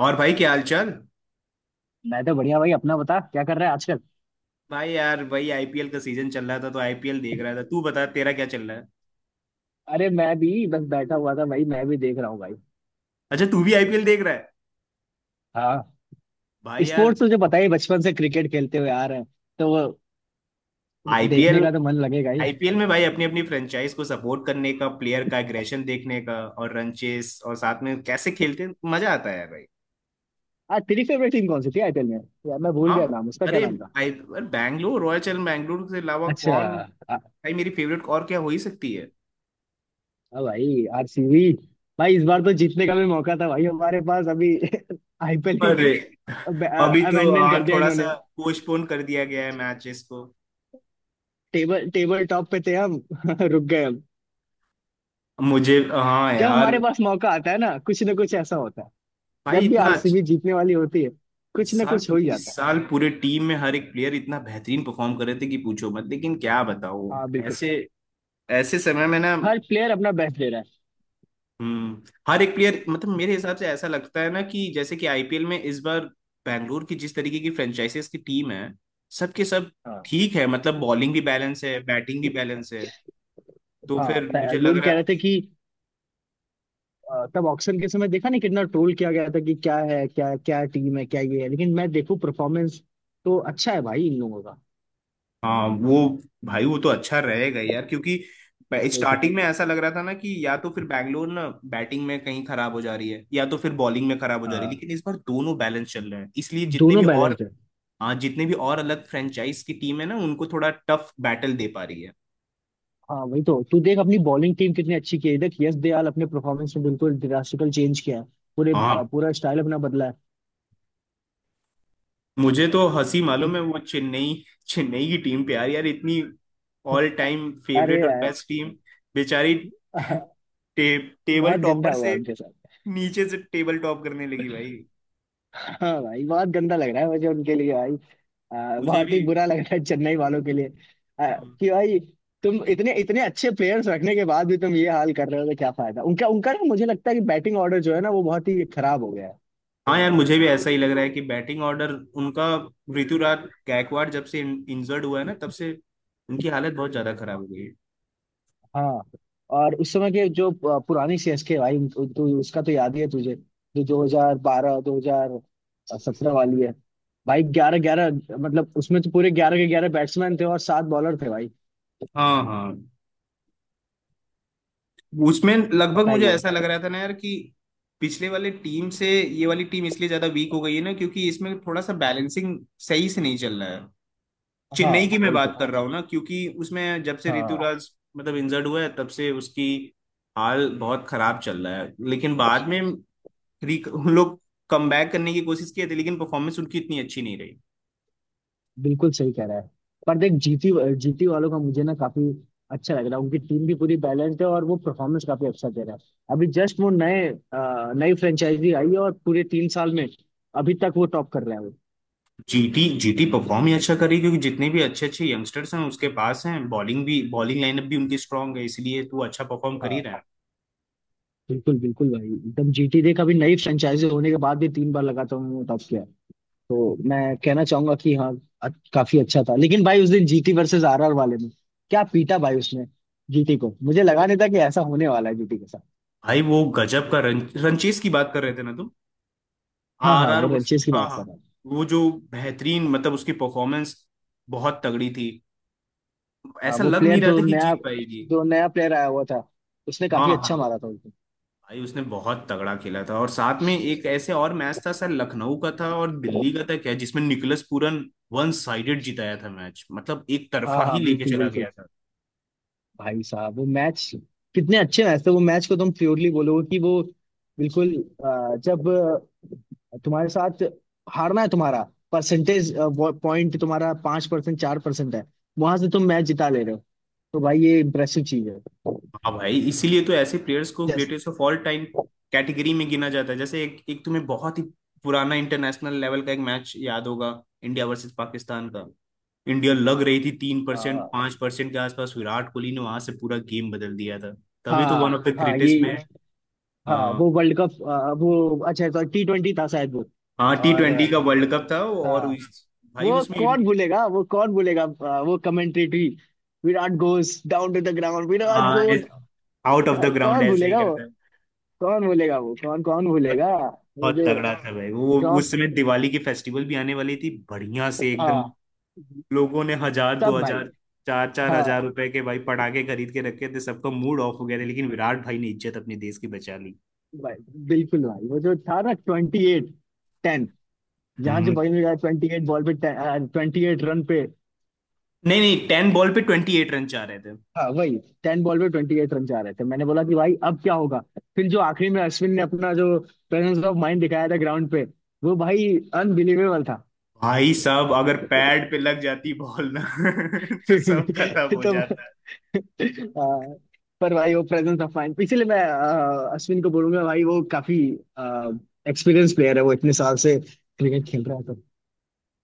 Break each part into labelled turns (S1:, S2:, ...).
S1: और भाई क्या हाल चाल।
S2: मैं तो बढ़िया भाई। अपना बता क्या कर रहा है आजकल।
S1: भाई यार वही आईपीएल का सीजन चल रहा था तो आईपीएल देख रहा था। तू बता तेरा क्या चल रहा है?
S2: अरे मैं भी बस बैठा हुआ था भाई, मैं भी देख रहा हूँ भाई।
S1: अच्छा, तू भी आईपीएल देख रहा है।
S2: हाँ।
S1: भाई यार।
S2: स्पोर्ट्स तुझे पता ही, बचपन से क्रिकेट खेलते हुए आ रहे हैं तो वो देखने
S1: आईपीएल
S2: का तो मन लगेगा ही।
S1: आईपीएल में भाई अपनी अपनी फ्रेंचाइज को सपोर्ट करने का, प्लेयर का एग्रेशन देखने का, और रन चेस और साथ में कैसे खेलते हैं, मजा आता है भाई।
S2: आज तेरी फेवरेट टीम कौन सी थी आईपीएल में? यार मैं भूल
S1: हाँ।
S2: गया नाम उसका, क्या
S1: अरे।
S2: नाम था?
S1: आई अरे बैंगलोर रॉयल चैलेंजर्स। बैंगलोर के अलावा
S2: अच्छा।
S1: कौन? भाई
S2: आ,
S1: मेरी फेवरेट और क्या हो ही सकती है।
S2: आ भाई आरसीबी। भाई इस बार तो जीतने का भी मौका था, भाई हमारे पास अभी आईपीएल ही
S1: अरे। अभी तो
S2: अबेंडन
S1: हाँ,
S2: कर दिया
S1: थोड़ा
S2: इन्होंने।
S1: सा पोस्टपोन कर दिया गया है मैचेस को।
S2: टेबल टेबल टॉप पे थे हम रुक गए हम।
S1: मुझे हाँ
S2: जब
S1: यार।
S2: हमारे पास मौका आता है ना, कुछ ना कुछ ऐसा होता है।
S1: भाई
S2: जब भी
S1: इतना अच्छा।
S2: आरसीबी जीतने वाली होती है,
S1: इस
S2: कुछ ना
S1: साल
S2: कुछ हो ही
S1: इस
S2: जाता है।
S1: साल पूरे टीम में हर एक प्लेयर इतना बेहतरीन परफॉर्म कर रहे थे कि पूछो मत, लेकिन क्या बताओ।
S2: हाँ बिल्कुल।
S1: ऐसे ऐसे समय में ना।
S2: हर प्लेयर अपना बेस्ट दे रहा है।
S1: हम्म। हर एक प्लेयर, मतलब मेरे हिसाब से ऐसा लगता है ना कि जैसे कि आईपीएल में इस बार बैंगलोर की जिस तरीके की फ्रेंचाइजीज की टीम है, सबके सब
S2: हाँ।
S1: ठीक है। मतलब बॉलिंग भी बैलेंस है, बैटिंग भी बैलेंस है। तो
S2: हाँ
S1: फिर मुझे लग
S2: लोग
S1: रहा
S2: कह
S1: था
S2: रहे थे
S1: कि
S2: कि तब ऑक्शन के समय देखा नहीं कितना ट्रोल किया गया था कि क्या है, क्या क्या टीम है, क्या ये है, लेकिन मैं देखूं परफॉर्मेंस तो अच्छा है भाई इन लोगों का।
S1: हाँ वो। भाई वो तो अच्छा रहेगा यार क्योंकि
S2: वही तो।
S1: स्टार्टिंग में ऐसा लग रहा था ना कि या तो फिर बैंगलोर ना बैटिंग में कहीं खराब हो जा रही है या तो फिर बॉलिंग में खराब हो जा रही है,
S2: हाँ
S1: लेकिन इस बार दोनों बैलेंस चल रहे हैं इसलिए जितने भी
S2: दोनों
S1: और।
S2: बैलेंस्ड है।
S1: हाँ, जितने भी और अलग फ्रेंचाइज की टीम है ना उनको थोड़ा टफ बैटल दे पा रही है।
S2: हाँ वही तो, तू देख अपनी बॉलिंग टीम कितनी अच्छी की है। देख यश दयाल अपने परफॉर्मेंस में बिल्कुल ड्रास्टिकल चेंज किया है। पूरे,
S1: हाँ।
S2: पूरा स्टाइल अपना बदला है।
S1: मुझे तो हंसी
S2: देख।
S1: मालूम है वो चेन्नई, चेन्नई की टीम पे यार, यार इतनी ऑल टाइम
S2: अरे
S1: फेवरेट और बेस्ट टीम बेचारी टे, टेबल
S2: बहुत गंदा
S1: टॉपर
S2: हुआ
S1: से
S2: उनके साथ।
S1: नीचे से टेबल टॉप करने लगी भाई।
S2: हाँ भाई बहुत गंदा लग रहा है मुझे उनके लिए भाई।
S1: मुझे
S2: बहुत
S1: भी।
S2: ही बुरा लग रहा है चेन्नई वालों के लिए। आ,
S1: हम्म।
S2: कि भाई तुम इतने इतने अच्छे प्लेयर्स रखने के बाद भी तुम ये हाल कर रहे हो तो क्या फायदा उनका उनका ना, मुझे लगता है कि बैटिंग ऑर्डर जो है ना, वो बहुत ही खराब हो गया है।
S1: हाँ यार, मुझे भी ऐसा ही लग रहा है कि बैटिंग ऑर्डर उनका, ऋतुराज गायकवाड़ जब से इंजर्ड हुआ है ना तब से उनकी हालत बहुत ज्यादा खराब हो गई है।
S2: हाँ और उस समय के जो पुरानी सीएसके भाई, तू उसका तो याद ही है तुझे, जो 2012 2017 वाली है भाई। ग्यारह ग्यारह मतलब उसमें तो पूरे ग्यारह के ग्यारह बैट्समैन थे और 7 बॉलर थे भाई।
S1: हाँ हाँ। उसमें लगभग मुझे
S2: बताइए।
S1: ऐसा लग रहा था ना यार कि पिछले वाले टीम से ये वाली टीम इसलिए ज्यादा वीक हो गई है ना, क्योंकि इसमें थोड़ा सा बैलेंसिंग सही से नहीं चल रहा है।
S2: हाँ
S1: चेन्नई की मैं
S2: वही तो।
S1: बात कर रहा हूँ ना, क्योंकि उसमें जब से
S2: हाँ
S1: ऋतुराज मतलब इंजर्ड हुआ है तब से उसकी हाल बहुत खराब चल रहा है, लेकिन बाद में उन लोग कम बैक करने की कोशिश किए थे, लेकिन परफॉर्मेंस उनकी इतनी अच्छी नहीं रही।
S2: बिल्कुल सही कह रहा है। पर देख जीटी, जीटी वालों का मुझे ना काफी अच्छा लग रहा है। उनकी टीम भी पूरी बैलेंस्ड है और वो परफॉर्मेंस काफी अच्छा दे रहा है। अभी जस्ट वो नए नई फ्रेंचाइजी आई है और पूरे 3 साल में अभी तक वो टॉप कर रहा है वो।
S1: जीटी जीटी परफॉर्म ही अच्छा करी क्योंकि जितने भी अच्छे अच्छे यंगस्टर्स हैं उसके पास हैं, बॉलिंग भी, बॉलिंग लाइनअप भी उनकी स्ट्रांग है इसलिए तू अच्छा परफॉर्म कर ही
S2: हाँ
S1: रहा है।
S2: बिल्कुल बिल्कुल भाई एकदम। जीटी देख, अभी नई फ्रेंचाइजी होने के बाद भी 3 बार लगातार उन्होंने टॉप किया है। तो मैं कहना चाहूंगा कि हाँ काफी अच्छा था। लेकिन भाई उस दिन जीटी वर्सेस आरआर वाले में क्या पीटा भाई उसने जीटी को! मुझे लगा नहीं था कि ऐसा होने वाला है जीटी के साथ।
S1: भाई वो गजब का रंचेस की बात कर रहे थे ना तुम?
S2: हाँ
S1: आर
S2: हाँ
S1: आर
S2: वो रंचेस की
S1: हाँ
S2: बात कर
S1: हाँ।
S2: रहा हूँ।
S1: वो जो बेहतरीन, मतलब उसकी परफॉर्मेंस बहुत तगड़ी थी,
S2: हाँ
S1: ऐसा
S2: वो
S1: लग नहीं
S2: प्लेयर
S1: रहा
S2: जो
S1: था कि
S2: नया,
S1: जीत पाएगी।
S2: जो नया प्लेयर आया हुआ था उसने
S1: हाँ
S2: काफी अच्छा
S1: हाँ।
S2: मारा था उसको।
S1: भाई उसने बहुत तगड़ा खेला था, और साथ में एक ऐसे और मैच था, सर लखनऊ का था और दिल्ली का था क्या, जिसमें निकलस पूरन वन साइडेड जिताया था मैच, मतलब एक
S2: हाँ
S1: तरफा ही
S2: हाँ
S1: लेके
S2: बिल्कुल
S1: चला
S2: बिल्कुल
S1: गया था।
S2: भाई साहब। वो मैच, कितने अच्छे मैच थे वो! मैच को तुम प्योरली बोलोगे कि वो बिल्कुल जब तुम्हारे साथ हारना है, तुम्हारा परसेंटेज पॉइंट तुम्हारा 5% 4% है, वहां से तुम मैच जिता ले रहे हो, तो भाई ये इम्प्रेसिव चीज है।
S1: हाँ भाई, इसीलिए तो ऐसे प्लेयर्स को
S2: just.
S1: Greatest of all time category में गिना जाता है। जैसे एक एक तुम्हें बहुत ही पुराना इंटरनेशनल लेवल का एक मैच याद होगा, इंडिया वर्सेस पाकिस्तान का। इंडिया लग रही थी 3%
S2: हाँ
S1: 5% के आसपास, विराट कोहली ने वहां से पूरा गेम बदल दिया था। तभी तो वन ऑफ द
S2: हाँ
S1: ग्रेटेस्ट में
S2: ये। हाँ
S1: है।
S2: वो वर्ल्ड कप वो अच्छा था, T20 था शायद वो,
S1: हाँ, टी
S2: और
S1: ट्वेंटी का वर्ल्ड कप था और
S2: हाँ।
S1: भाई
S2: वो
S1: उसमें
S2: कौन भूलेगा, वो कौन भूलेगा? वो commentary, Virat goes down to the ground, Virat
S1: हाँ
S2: got.
S1: Out of the ground
S2: कौन
S1: ऐसे ही
S2: भूलेगा वो?
S1: करता है।
S2: कौन भूलेगा? वो कौन कौन
S1: बहुत
S2: भूलेगा?
S1: तगड़ा।
S2: वो
S1: बहुत
S2: जो
S1: तगड़ा था भाई वो, उस
S2: रॉक।
S1: समय दिवाली की फेस्टिवल भी आने वाली थी, बढ़िया से एकदम
S2: हाँ
S1: लोगों ने हजार दो
S2: सब भाई।
S1: हजार चार चार
S2: हाँ
S1: हजार रुपए के भाई पटाखे खरीद के रखे थे, सबका मूड ऑफ हो गया था लेकिन विराट भाई ने इज्जत अपने देश की बचा ली।
S2: भाई बिल्कुल। भाई वो जो था ना ट्वेंटी एट टेन, जहाँ जो
S1: हम्म।
S2: बॉलिंग में 28 बॉल पे 28 रन पे।
S1: नहीं नहीं, 10 बॉल पे 28 रन चाह रहे थे।
S2: हाँ वही, 10 बॉल पे 28 रन चाह रहे थे। मैंने बोला कि भाई अब क्या होगा। फिर जो आखिरी में अश्विन ने अपना जो प्रेजेंस ऑफ माइंड दिखाया था ग्राउंड पे, वो भाई अनबिलीवेबल।
S1: भाई साहब अगर पैड पे लग जाती बॉल ना तो सब खत्म हो
S2: तो
S1: जाता।
S2: पर भाई वो प्रेजेंस ऑफ माइंड, इसीलिए मैं अश्विन को बोलूंगा भाई वो काफी एक्सपीरियंस प्लेयर है, वो इतने साल से क्रिकेट खेल रहा है तो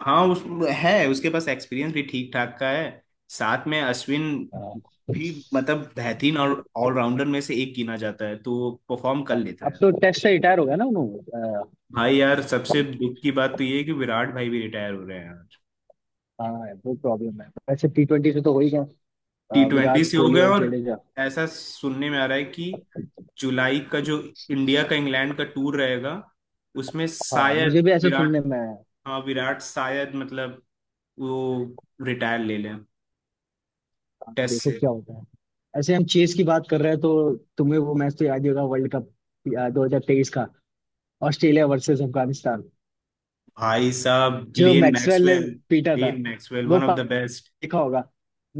S1: हाँ उस है उसके पास एक्सपीरियंस भी ठीक ठाक का है, साथ में अश्विन
S2: आ,
S1: भी, मतलब बेहतरीन और ऑलराउंडर में से एक गिना जाता है तो वो परफॉर्म कर लेता
S2: अब
S1: है।
S2: तो टेस्ट से रिटायर हो गया ना उन्होंने।
S1: भाई यार सबसे दुख की बात तो ये है कि विराट भाई भी रिटायर हो रहे हैं यार।
S2: हाँ वो प्रॉब्लम है, वैसे T20 से तो हो ही गया।
S1: टी ट्वेंटी
S2: विराट
S1: से हो
S2: कोहली
S1: गए,
S2: और
S1: और
S2: जडेजा।
S1: ऐसा सुनने में आ रहा है कि जुलाई का जो इंडिया का इंग्लैंड का टूर रहेगा, उसमें
S2: हाँ
S1: शायद
S2: मुझे भी ऐसा
S1: विराट,
S2: सुनने में आया।
S1: हाँ विराट शायद मतलब वो रिटायर ले लें
S2: हाँ,
S1: टेस्ट
S2: देखो
S1: से।
S2: क्या होता है। ऐसे हम चेस की बात कर रहे हैं तो तुम्हें वो मैच तो याद ही होगा, वर्ल्ड कप 2023 का, ऑस्ट्रेलिया वर्सेस अफगानिस्तान,
S1: भाई साहब
S2: जो
S1: ग्लेन
S2: मैक्सवेल ने
S1: मैक्सवेल,
S2: पीटा था।
S1: ग्लेन मैक्सवेल
S2: वो
S1: वन ऑफ
S2: पा-
S1: द बेस्ट।
S2: देखा होगा,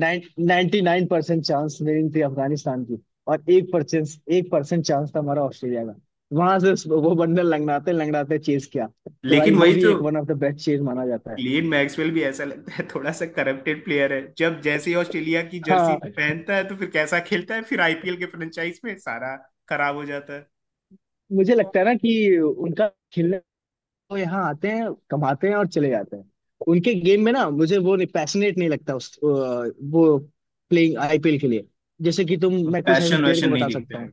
S2: 99% चांस रेटिंग थी अफगानिस्तान की, और 1%, 1% चांस था हमारा ऑस्ट्रेलिया का। वहां से वो बंडल लंगड़ाते लंगड़ाते चेज किया, तो
S1: लेकिन
S2: भाई वो
S1: वही
S2: भी
S1: तो
S2: एक one of the best chase माना जाता है।
S1: ग्लेन मैक्सवेल भी ऐसा लगता है थोड़ा सा करप्टेड प्लेयर है, जब जैसे ही ऑस्ट्रेलिया की जर्सी
S2: हाँ
S1: पहनता है तो फिर कैसा खेलता है, फिर आईपीएल के फ्रेंचाइज में सारा खराब हो जाता है।
S2: मुझे लगता है ना कि उनका खेलने, वो यहाँ आते हैं, कमाते हैं और चले जाते हैं। उनके गेम में ना मुझे वो नहीं, पैशनेट नहीं लगता उस वो प्लेइंग आईपीएल के लिए। जैसे कि तुम, मैं कुछ ऐसे
S1: पैशन
S2: प्लेयर को
S1: वैशन नहीं
S2: बता सकता
S1: दिखता है।
S2: हूँ।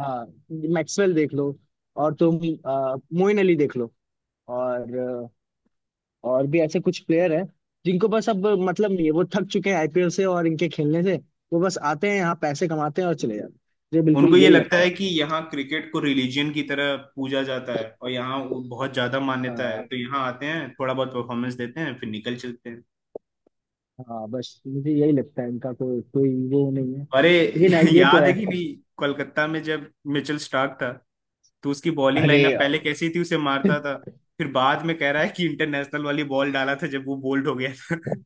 S2: हाँ मैक्सवेल देख लो, और तुम मोइन अली देख लो, और और भी ऐसे कुछ प्लेयर हैं जिनको बस अब मतलब नहीं है। वो थक चुके हैं आईपीएल से और इनके खेलने से। वो बस आते हैं यहाँ, पैसे कमाते हैं और चले जाते हैं। मुझे बिल्कुल
S1: उनको ये
S2: यही
S1: लगता
S2: लगता
S1: है
S2: है।
S1: कि यहाँ क्रिकेट को रिलीजन की तरह पूजा जाता है और यहाँ वो बहुत ज्यादा मान्यता है,
S2: हाँ
S1: तो यहाँ आते हैं थोड़ा बहुत परफॉर्मेंस देते हैं फिर निकल चलते हैं।
S2: हाँ, बस मुझे यही लगता है इनका, कोई कोई वो नहीं है।
S1: अरे
S2: लेकिन हाँ, ये तो
S1: याद है
S2: है।
S1: कि नहीं, कोलकाता में जब मिचेल स्टार्क था तो उसकी बॉलिंग
S2: अरे
S1: लाइनअप पहले
S2: भाई
S1: कैसी थी, उसे मारता था, फिर बाद में कह रहा है कि इंटरनेशनल वाली बॉल डाला था जब वो बोल्ड हो गया था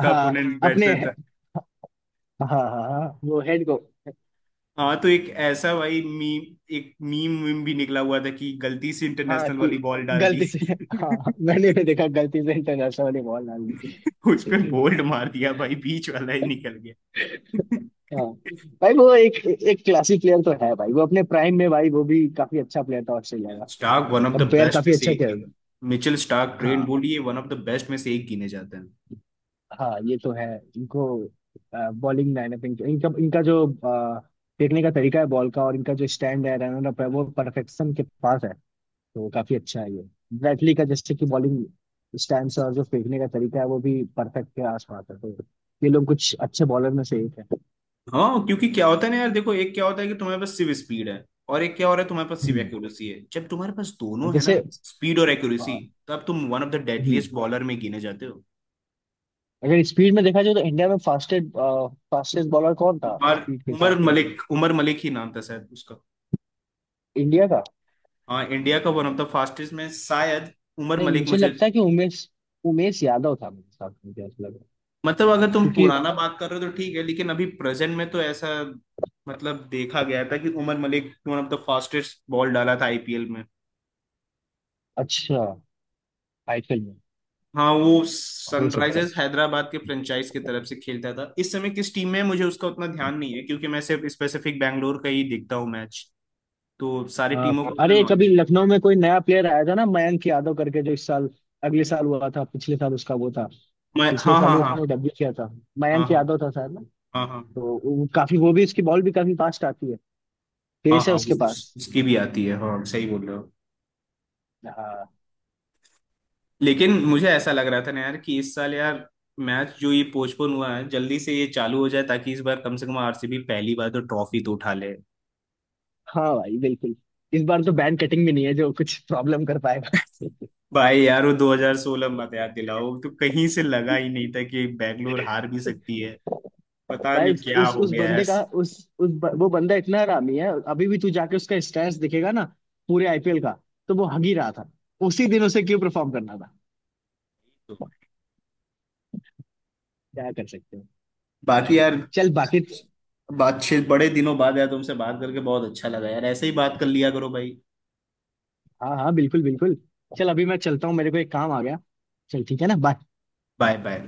S2: हाँ
S1: अपोनेंट
S2: अपने।
S1: बैट्समैन था।
S2: हाँ हाँ हाँ, वो हेड को।
S1: हाँ, तो एक ऐसा भाई मीम, एक मीम मीम भी निकला हुआ था कि गलती से
S2: हाँ
S1: इंटरनेशनल
S2: कि
S1: वाली बॉल डाल दी
S2: गलती से। हाँ मैंने भी देखा गलती से इंटरनेशनल वाली बॉल डाल दी।
S1: उस पे बोल्ड मार दिया भाई, बीच वाला ही निकल गया।
S2: हाँ भाई वो एक, एक क्लासी प्लेयर तो है भाई वो, अपने प्राइम में भाई वो भी काफी अच्छा प्लेयर था ऑस्ट्रेलिया का।
S1: Starc one of the
S2: compare
S1: best में
S2: काफी
S1: से
S2: अच्छा
S1: एक
S2: किया
S1: गिने।
S2: था।
S1: मिचेल स्टार्क, ट्रेंट
S2: हाँ
S1: बोलिए वन ऑफ द बेस्ट में से एक गिने जाते हैं।
S2: हाँ ये तो है। इनको बॉलिंग लाइनअप इनका इनका इनका जो फेंकने का तरीका है बॉल का, और इनका जो स्टैंड है, रनर अप है, वो परफेक्शन के पास है तो काफी अच्छा है ये। ब्रैटली का जैसे कि बॉलिंग स्टैंड और जो फेंकने का तरीका है वो भी परफेक्ट के आसपास है, तो ये लोग कुछ अच्छे बॉलर में से एक है।
S1: हाँ, क्योंकि क्या होता है ना यार देखो, एक क्या होता है कि तुम्हारे पास सिर्फ स्पीड है, और एक क्या हो रहा है तुम्हारे पास सिर्फ
S2: हम्म।
S1: एक्यूरेसी है। जब तुम्हारे पास
S2: और
S1: दोनों है ना,
S2: जैसे
S1: स्पीड और एक्यूरेसी,
S2: अ,
S1: तो अब तुम one of the
S2: hmm.
S1: Deadliest bowler में गिने जाते हो।
S2: अगर स्पीड में देखा जाए तो इंडिया में फास्टेस्ट फास्टेस्ट बॉलर कौन था
S1: उमर
S2: स्पीड के हिसाब से देखो?
S1: उमर मलिक ही नाम था शायद उसका।
S2: इंडिया का।
S1: हाँ, इंडिया का वन ऑफ द फास्टेस्ट में शायद उमर
S2: नहीं
S1: मलिक,
S2: मुझे
S1: मुझे।
S2: लगता है कि उमेश उमेश यादव था मेरे हिसाब से, मुझे ऐसा लग रहा है।
S1: मतलब अगर तुम
S2: क्योंकि।
S1: पुराना बात कर रहे हो तो ठीक है, लेकिन अभी प्रेजेंट में तो ऐसा मतलब देखा गया था कि Umar Malik one of the fastest ball डाला था आईपीएल में।
S2: अच्छा आईपीएल में
S1: हाँ वो
S2: हो सकता
S1: सनराइजर्स
S2: है।
S1: हैदराबाद के फ्रेंचाइज की तरफ से खेलता था। इस समय किस टीम में है, मुझे उसका उतना ध्यान नहीं है, क्योंकि मैं सिर्फ स्पेसिफिक बैंगलोर का ही देखता हूँ मैच, तो सारी
S2: अ,
S1: टीमों का उतना
S2: अरे कभी
S1: नॉलेज नहीं।
S2: लखनऊ में कोई नया प्लेयर आया था ना मयंक यादव करके, जो इस साल, अगले साल हुआ था, पिछले साल उसका वो था।
S1: मैं,
S2: पिछले
S1: हाँ,
S2: साल
S1: हाँ,
S2: ही
S1: हाँ,
S2: उसने डब्ल्यू किया था।
S1: हाँ,
S2: मयंक
S1: हाँ,
S2: यादव था शायद ना।
S1: हाँ, हाँ,
S2: तो काफी, वो भी उसकी बॉल भी काफी फास्ट आती है,
S1: हाँ,
S2: पेस है
S1: हाँ,
S2: उसके
S1: वो
S2: पास।
S1: उसकी भी आती है, हाँ सही बोल रहे हो।
S2: हाँ
S1: लेकिन मुझे ऐसा लग रहा था ना यार कि इस साल यार, मैच जो ये पोस्टपोन हुआ है जल्दी से ये चालू हो जाए, ताकि इस बार कम से कम आरसीबी पहली बार तो ट्रॉफी तो उठा ले।
S2: हाँ भाई बिल्कुल। इस बार तो बैन कटिंग भी नहीं है जो कुछ प्रॉब्लम कर पाएगा।
S1: भाई यार वो 2016 मत याद दिलाओ, तो कहीं से लगा ही नहीं था कि बैंगलोर हार भी सकती है। पता
S2: भाई
S1: नहीं
S2: उस
S1: क्या
S2: उस
S1: हो
S2: उस
S1: गया यार।
S2: बंदे का, उस वो बंदा इतना हरामी है अभी भी। तू जाके उसका स्टेटस दिखेगा ना पूरे आईपीएल का, तो वो हग ही रहा था। उसी दिन उसे क्यों परफॉर्म करना था? क्या कर सकते हो।
S1: बाकी
S2: भाई
S1: यार,
S2: चल बाकी।
S1: बातचीत बड़े दिनों बाद यार तुमसे बात करके बहुत अच्छा लगा यार, ऐसे ही बात कर लिया करो भाई।
S2: हाँ हाँ बिल्कुल बिल्कुल। चल अभी मैं चलता हूँ, मेरे को एक काम आ गया। चल ठीक है ना, बाय।
S1: Bye bye.